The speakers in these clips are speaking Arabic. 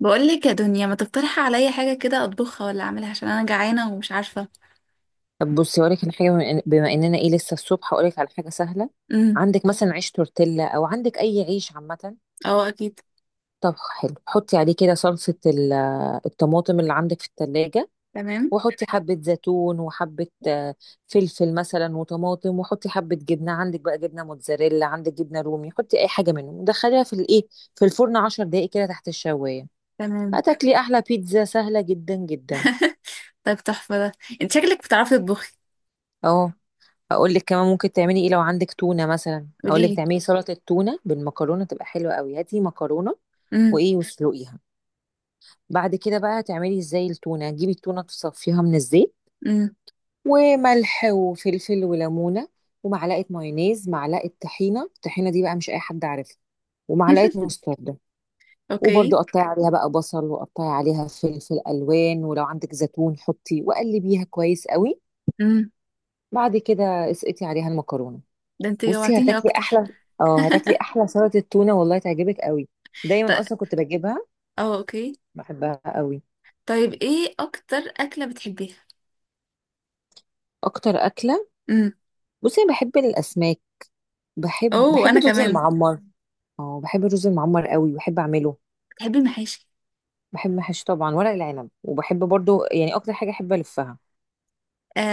بقول لك يا دنيا ما تقترحي عليا حاجة كده أطبخها ولا أعملها عشان أنا جعانة ومش عارفة. طب بصي هقولك على حاجه بما اننا ايه لسه الصبح هقولك على حاجه سهله. امم. عندك مثلا عيش تورتيلا او عندك اي عيش عامه. اه، أكيد. طب حلو حطي عليه كده صلصه الطماطم اللي عندك في التلاجة، تمام. وحطي حبه زيتون وحبه فلفل مثلا وطماطم، وحطي حبه جبنه، عندك بقى جبنه موتزاريلا عندك جبنه رومي، حطي اي حاجه منهم ودخليها في الايه، في الفرن 10 دقائق كده تحت الشوايه. تمام. هتاكلي احلى بيتزا سهله جدا جدا. طيب تحفة ده. انت شكلك بتعرفي تطبخي. اهو. اقول لك كمان ممكن تعملي ايه، لو عندك تونه مثلا اقول لك قوليلي. تعملي سلطه تونه بالمكرونه، تبقى حلوه قوي. هاتي مكرونه امم. وايه واسلقيها. بعد كده بقى تعملي ازاي، التونه جيبي التونه تصفيها من الزيت، امم. وملح وفلفل وليمونه ومعلقه مايونيز معلقه طحينه، الطحينه دي بقى مش اي حد عارفها، ومعلقه مستردة. اوكي. وبرده قطعي عليها بقى بصل وقطعي عليها فلفل الوان، ولو عندك زيتون حطي، وقلبيها كويس قوي. امم. بعد كده اسقطي عليها المكرونه. ده انت بصي جوعتيني هتاكلي أكتر. احلى. اه هتاكلي احلى سلطه تونه والله تعجبك قوي. دايما طيب. اصلا كنت بجيبها، اه اوكي. بحبها قوي. طيب، ايه أكتر أكلة بتحبيها؟ اكتر اكله. امم. بصي انا بحب الاسماك، بحب اوه بحب أنا الرز كمان. المعمر. اه بحب الرز المعمر قوي، بحب اعمله. بتحبي المحاشي؟ بحب محشي طبعا ورق العنب، وبحب برضو يعني اكتر حاجه احب الفها.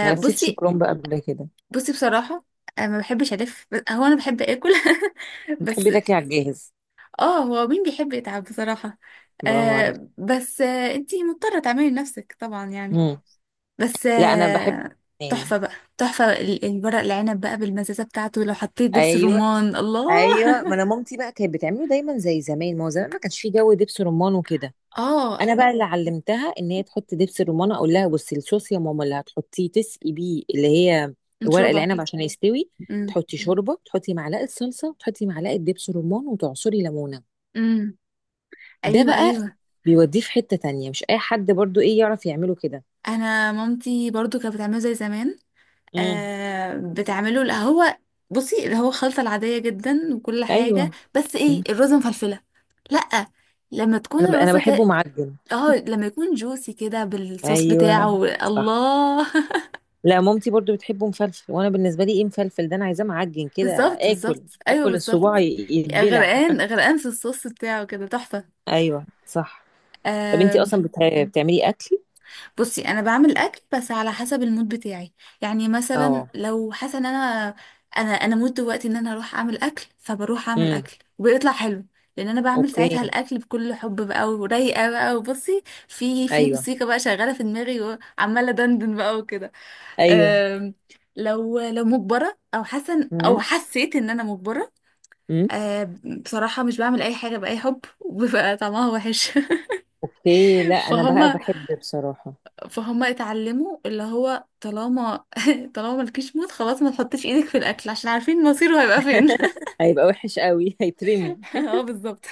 ما لفتش بصي. كرنب قبل كده. بصي بصراحة أنا ما بحبش ألف، هو أنا بحب آكل. بس بتحبي تاكلي على الجاهز. اه، هو مين بيحب يتعب بصراحة. برافو عليك. آه بس آه، انتي مضطرة تعملي لنفسك طبعا يعني. مم. بس لا انا بحب. آه. اتنين. تحفة بقى. تحفة الورق العنب بقى بالمزازة بتاعته، لو حطيت دبس ايوه. الرمان، الله. ايوه ما انا مامتي بقى كانت بتعمله دايما زي زمان، ما هو زمان ما كانش فيه جو دبس رمان وكده. اه. انا بقى اللي علمتها ان هي تحط دبس الرمان. اقول لها بصي الصوص يا ماما اللي هتحطيه تسقي بيه اللي هي ورق شوربة. العنب عشان يستوي. امم. تحطي شوربه، تحطي معلقه صلصه، تحطي معلقه دبس رمان، وتعصري ليمونه. امم. ده ايوه بقى ايوه. بيوديه في حته تانية، مش اي حد برضو ايه يعرف يعمله كده. انا مامتي برضو كانت بتعمله زي زمان. امم. آه بتعمله. لا، هو بصي اللي هو الخلطة العادية جدا وكل حاجة، ايوه. بس ايه، مم. الرز مفلفلة. لأ، لما تكون انا الرز بحبه كده. معجن. اه لما يكون جوسي كده بالصوص ايوه بتاعه، صح. الله. لا مامتي برضو بتحبه مفلفل، وانا بالنسبه لي ايه مفلفل، ده انا عايزاه معجن كده. بالظبط اكل بالظبط. ايوه اكل الصباع بالظبط. يتبلع. غرقان غرقان في الصوص بتاعه كده، تحفة. ايوه صح. طب انتي آم، اصلا بتعملي اكل. بصي انا بعمل اكل بس على حسب المود بتاعي. يعني مثلا اه. لو حاسه ان انا، انا مود دلوقتي ان انا اروح اعمل اكل، فبروح اعمل امم. اكل وبيطلع حلو. لان انا بعمل اوكي. ساعتها الاكل بكل حب بقى، ورايقه بقى، وبصي في ايوه. موسيقى بقى شغاله في دماغي وعماله دندن بقى وكده. ايوه. أم، لو مجبره او حاسه او امم. حسيت ان انا مجبره. امم. أم، بصراحه مش بعمل اي حاجه باي حب وبيبقى طعمها وحش. اوكي. لا انا بقى فهما. بحب بصراحه. فهم اتعلموا اللي هو طالما، طالما مالكيش موت خلاص ما تحطيش ايدك في الاكل عشان عارفين مصيره هيبقى فين. هيبقى وحش قوي هيترمي. اه بالظبط.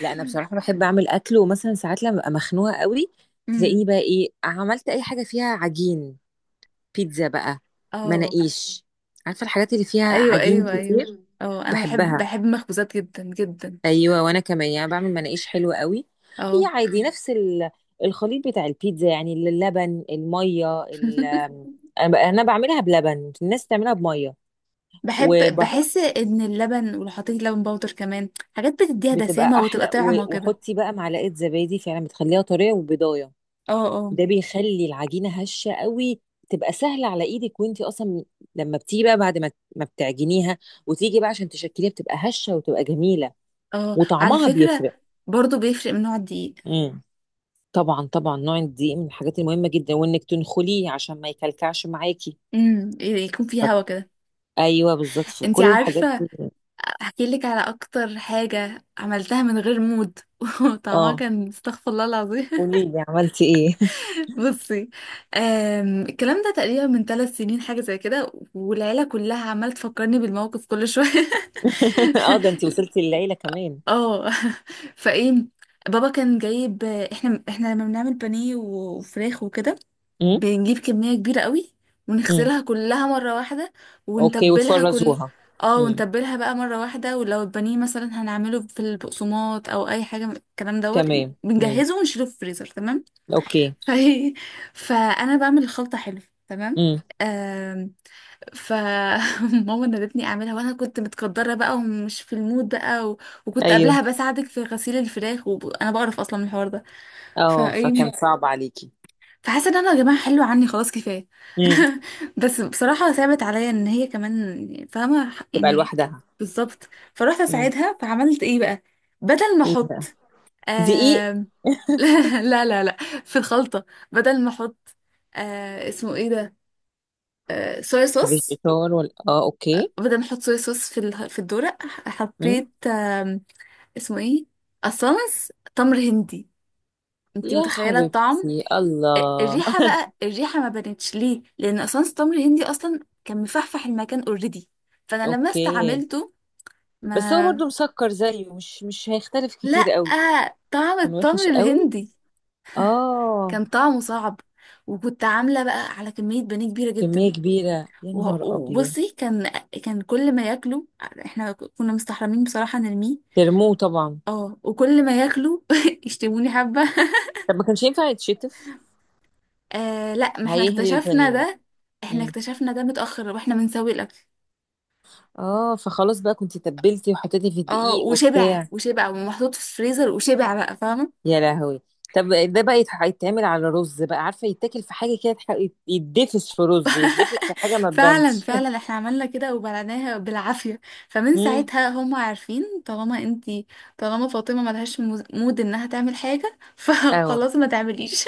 لا انا بصراحه بحب اعمل اكل، ومثلا ساعات لما ببقى مخنوقه قوي أمم. تلاقيني بقى ايه عملت اي حاجه فيها عجين. بيتزا بقى، اه. مناقيش، عارفه الحاجات اللي فيها ايوه عجين ايوه ايوه. كتير. اه انا بحب بحبها. بحب المخبوزات جدا جدا. ايوه وانا كمان يعني بعمل مناقيش حلوه قوي. هي اه. عادي نفس الخليط بتاع البيتزا، يعني اللبن، الميه، انا بعملها بلبن، الناس تعملها بميه، بحب. وبتبقى بحس ان اللبن، ولو حطيت لبن باودر كمان، حاجات بتديها دسامة وتبقى احلى. طعمة كده. وحطي بقى معلقه زبادي فعلا بتخليها طريه وبيضايه. اه. اه. ده بيخلي العجينه هشه قوي، تبقى سهله على ايدك. وانتي اصلا لما بتيجي بقى بعد ما ما بتعجنيها وتيجي بقى عشان تشكليها بتبقى هشه وتبقى جميله، اه على وطعمها فكرة بيفرق. برضو بيفرق من نوع الدقيق. امم. طبعا طبعا نوع الدقيق من الحاجات المهمة جدا، وانك تنخليه عشان ما يكلكعش معاكي. امم، يكون فيه هوا كده. ايوه بالظبط في انتي كل الحاجات عارفة؟ دي. احكي لك على اكتر حاجة عملتها من غير مود وطعمها اه. كان استغفر الله العظيم. قولي لي عملتي ايه. بصي. الكلام ده تقريبا من 3 سنين حاجة زي كده، والعيلة كلها عمالة تفكرني بالموقف كل شوية. اه ده انت وصلتي للعيلة كمان. اه. فايه، بابا كان جايب، احنا لما بنعمل بانيه وفراخ وكده امم. بنجيب كمية كبيرة قوي، امم. ونغسلها كلها مرة واحدة، اوكي ونتبلها كل. وتفرزوها. اه، امم. ونتبلها بقى مرة واحدة. ولو البانيه مثلا هنعمله في البقسماط او اي حاجة من الكلام دوت، تمام امم. بنجهزه ونشيله في الفريزر. تمام. اوكي. فهي. فانا بعمل الخلطة حلو. تمام. امم. آم، فماما نادتني اعملها، وانا كنت متقدره بقى ومش في المود بقى وكنت ايوه. قبلها بساعدك في غسيل الفراخ وانا بعرف اصلا من الحوار ده. اه فايه، فكان صعب عليكي. فحاسه ان انا يا جماعه حلو عني خلاص كفايه. امم. بس بصراحه صعبت عليا ان هي كمان فاهمه تبقى يعني. لوحدها. بالظبط، فروحت امم. اساعدها. فعملت ايه بقى؟ بدل ما ايه احط بقى. دقيق. آم، لا لا لا لا، في الخلطه، بدل ما احط، اسمه ايه ده، صويا صوص. فيجيتار ولا، اه اوكي. بدل ما احط صويا صوص في في الدورق، امم. حطيت اسمه ايه اصلا، تمر هندي. انتي يا متخيله الطعم؟ حبيبتي الله. الريحة بقى، الريحة ما بانتش ليه، لأن أسانس تمر هندي أصلا كان مفحفح المكان اوريدي. فأنا لما اوكي. استعملته بس هو ما برضو مسكر زيه، مش هيختلف كتير لأ، قوي. طعم كان التمر وحش قوي. الهندي اه. كان طعمه صعب. وكنت عاملة بقى على كمية بانيه كبيرة كمية جدا. كبيرة يا نهار أبيض. وبصي، كان كل ما ياكلوا احنا كنا مستحرمين بصراحة نرميه، ترموه طبعا. اه، وكل ما ياكلوا يشتموني حبة. طب ما كانش ينفع يتشتف، آه لا، ما احنا هيهري اكتشفنا البانيه. ده، احنا مم. اكتشفنا ده متأخر واحنا بنسوي الأكل. اه فخلاص بقى كنت تبلتي وحطيتي في اه، الدقيق وشبع وبتاع. وشبع ومحطوط في الفريزر وشبع بقى، فاهمة؟ يا لهوي. طب ده بقى يتعمل على رز بقى، عارفة يتاكل في حاجة كده يتدفس في رز، يتدفس في حاجة ما فعلا تبانش. فعلا احنا عملنا كده وبلعناها بالعافية. فمن امم. ساعتها هم عارفين طالما انتي، طالما فاطمة ملهاش مود انها تعمل حاجة، اهو. فخلاص ما تعمليش.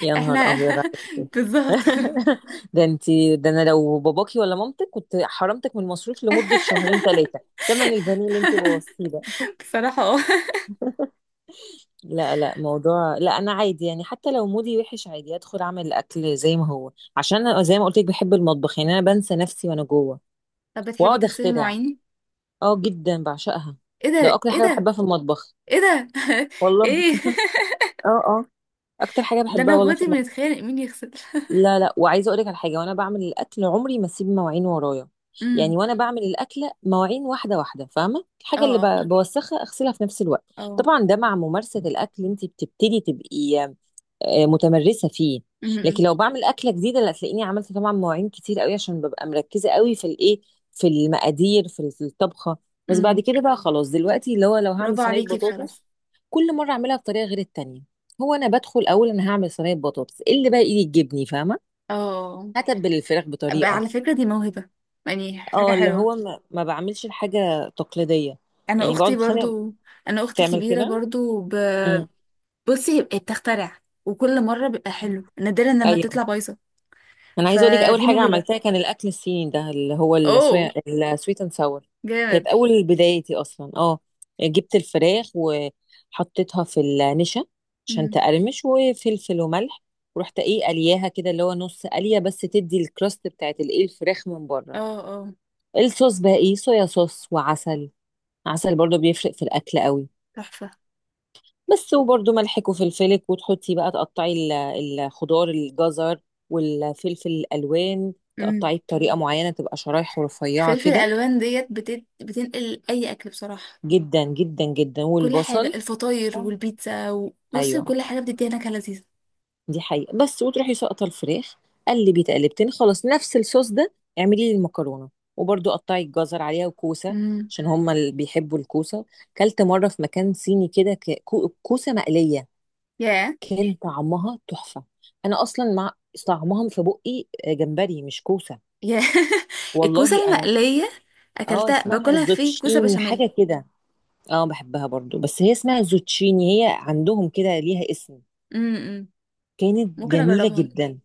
يا نهار احنا. ابيض عليك. بالظبط. ده انتي ده انا لو باباكي ولا مامتك كنت حرمتك من المصروف لمده شهرين ثلاثه، تمن البانيه اللي انتي بوظتيه ده. بصراحة اه. لا لا موضوع، لا انا عادي يعني حتى لو مودي وحش عادي ادخل اعمل الاكل زي ما هو. عشان انا زي ما قلت لك بحب المطبخ، يعني انا بنسى نفسي وانا جوه طب بتحبي واقعد تغسلي اخترع. المواعين؟ اه جدا بعشقها. ايه ده ده، اكتر ايه حاجه ده، بحبها في المطبخ. ايه ده. والله. ايه اه اه. اكتر حاجه ده، بحبها انا والله في واخواتي المطبخ. بنتخانق مين يغسل. لا لا، وعايزه اقول لك على حاجه، وانا بعمل الاكل عمري ما اسيب مواعين ورايا. يعني امم. وانا بعمل الاكله مواعين واحده واحده، فاهمه، اه الحاجه اللي اه بوسخها اغسلها في نفس الوقت. اه. طبعا ده مع ممارسه الاكل انت بتبتدي تبقي متمرسه فيه. أمم، أمم. لكن لو بعمل اكله جديده لا، تلاقيني عملت طبعا مواعين كتير قوي عشان ببقى مركزه قوي في الايه، في المقادير، في الطبخه. بس بعد امم. كده بقى خلاص دلوقتي اللي هو لو هعمل برافو صينيه عليكي بصراحة. بطاطس كل مره اعملها بطريقه غير التانيه. هو انا بدخل اول انا هعمل صينيه بطاطس، إيه اللي بقى ايدي تجيبني فاهمه. اه هتبل الفراخ بقى، بطريقه. على فكرة دي موهبة، يعني حاجة اه اللي حلوة. هو ما بعملش الحاجه تقليديه. انا يعني بقعد اختي اتخانق. برضو. انا اختي تعمل كبيرة كده. برضو امم. بصي هي بتخترع وكل مرة بيبقى حلو، نادرا لما ايوه. تطلع بايظة. انا عايزه اقول لك اول فدي حاجه موهبة. عملتها كان الاكل الصيني ده اللي هو اوه السويت اند ساور. جامد. كانت اول بدايتي اصلا اه. جبت الفراخ وحطيتها في النشا عشان امم. تقرمش، وفلفل وملح، ورحت ايه قلياها كده اللي هو نص قليه بس تدي الكراست بتاعت الايه الفراخ من اه بره. اه الصوص بقى ايه صويا صوص وعسل، عسل برضو بيفرق في الاكل قوي. تحفة. بس. وبرضو ملحك وفلفلك، وتحطي بقى تقطعي الخضار، الجزر والفلفل الالوان، امم. تقطعيه بطريقه معينه تبقى شرايح رفيعه فلفل كده. الالوان ديت بتنقل اي اكل بصراحة. جدا جدا جدا. كل حاجة، والبصل. الفطاير آه. والبيتزا بصي ايوه. كل حاجة بتديها نكهة لذيذة. دي حقيقه. بس وتروحي ساقطه الفراخ، قلبي تقلبتين خلاص نفس الصوص ده. اعملي لي المكرونه، وبرضو قطعي الجزر عليها وكوسه، امم. عشان هما اللي بيحبوا الكوسه. كلت مره في مكان صيني كده كوسه مقليه، ياه. كان طعمها تحفة. انا اصلا مع طعمها في بقي جمبري مش كوسة. يا. والله الكوسة انا. المقلية اه أكلتها اسمها باكلها في كوسة زوتشيني بشاميل. حاجة كده. اه بحبها برضو، بس هي اسمها زوتشيني، هي عندهم كده ليها اسم. امم. امم. كانت ممكن جميلة أجربها. جدا.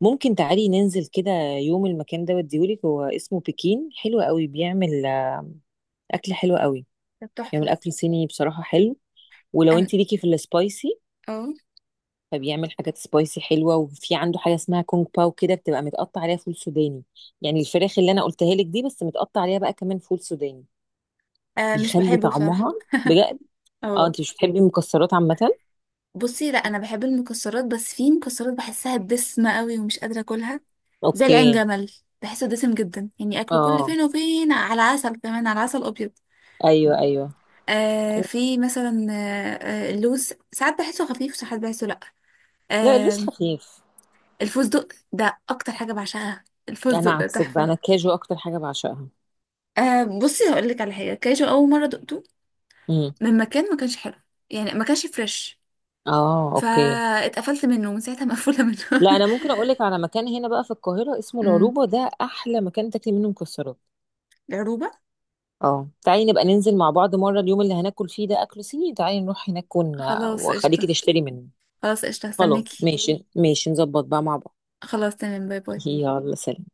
ممكن تعالي ننزل كده يوم المكان ده وديهولك، هو اسمه بكين، حلو قوي، بيعمل اكل حلو قوي. كانت بيعمل تحفة. اكل صيني بصراحة حلو، ولو أنا. انت ليكي في السبايسي أو. فبيعمل حاجات سبايسي حلوه. وفي عنده حاجه اسمها كونج باو كده بتبقى متقطع عليها فول سوداني، يعني الفراخ اللي انا قلتها لك دي بس متقطع عليها بقى كمان فول سوداني، آه مش بيخلي بحبه بصراحة. طعمها بجد. اه أو انت مش بتحبي المكسرات عامه. بصي لا، أنا بحب المكسرات بس في مكسرات بحسها دسمة قوي ومش قادرة أكلها، زي العين اوكي. جمل، بحسه دسم جدا، يعني أكله كل اه. فين وفين على عسل كمان، على عسل أبيض. ايوه ايوه. آه أيوة. في مثلا آه، اللوز ساعات بحسه خفيف وساعات بحسه لأ. لا اللوز آه خفيف. الفستق ده أكتر حاجة بعشقها. الفستق انا ده عكسك بقى، تحفة. انا الكاجو اكتر حاجه بعشقها. آه بصي هقول لك على حاجه، كاجو اول مره دقته امم. من مكان ما كانش حلو، يعني ما كانش فريش، اه اوكي. فاتقفلت منه ومن ساعتها مقفوله منه. لا انا ممكن اقول لك على مكان هنا بقى في القاهره اسمه امم. العروبه، ده احلى مكان تاكلي منه مكسرات. العروبة. اه تعالي نبقى ننزل مع بعض مرة، اليوم اللي هناكل فيه ده أكل صيني تعالي نروح هناك خلاص وخليكي قشطه. تشتري منه. خلاص قشطه خلاص هستناكي. ماشي ماشي نظبط بقى مع بعض. خلاص تمام، باي باي. يلا سلام.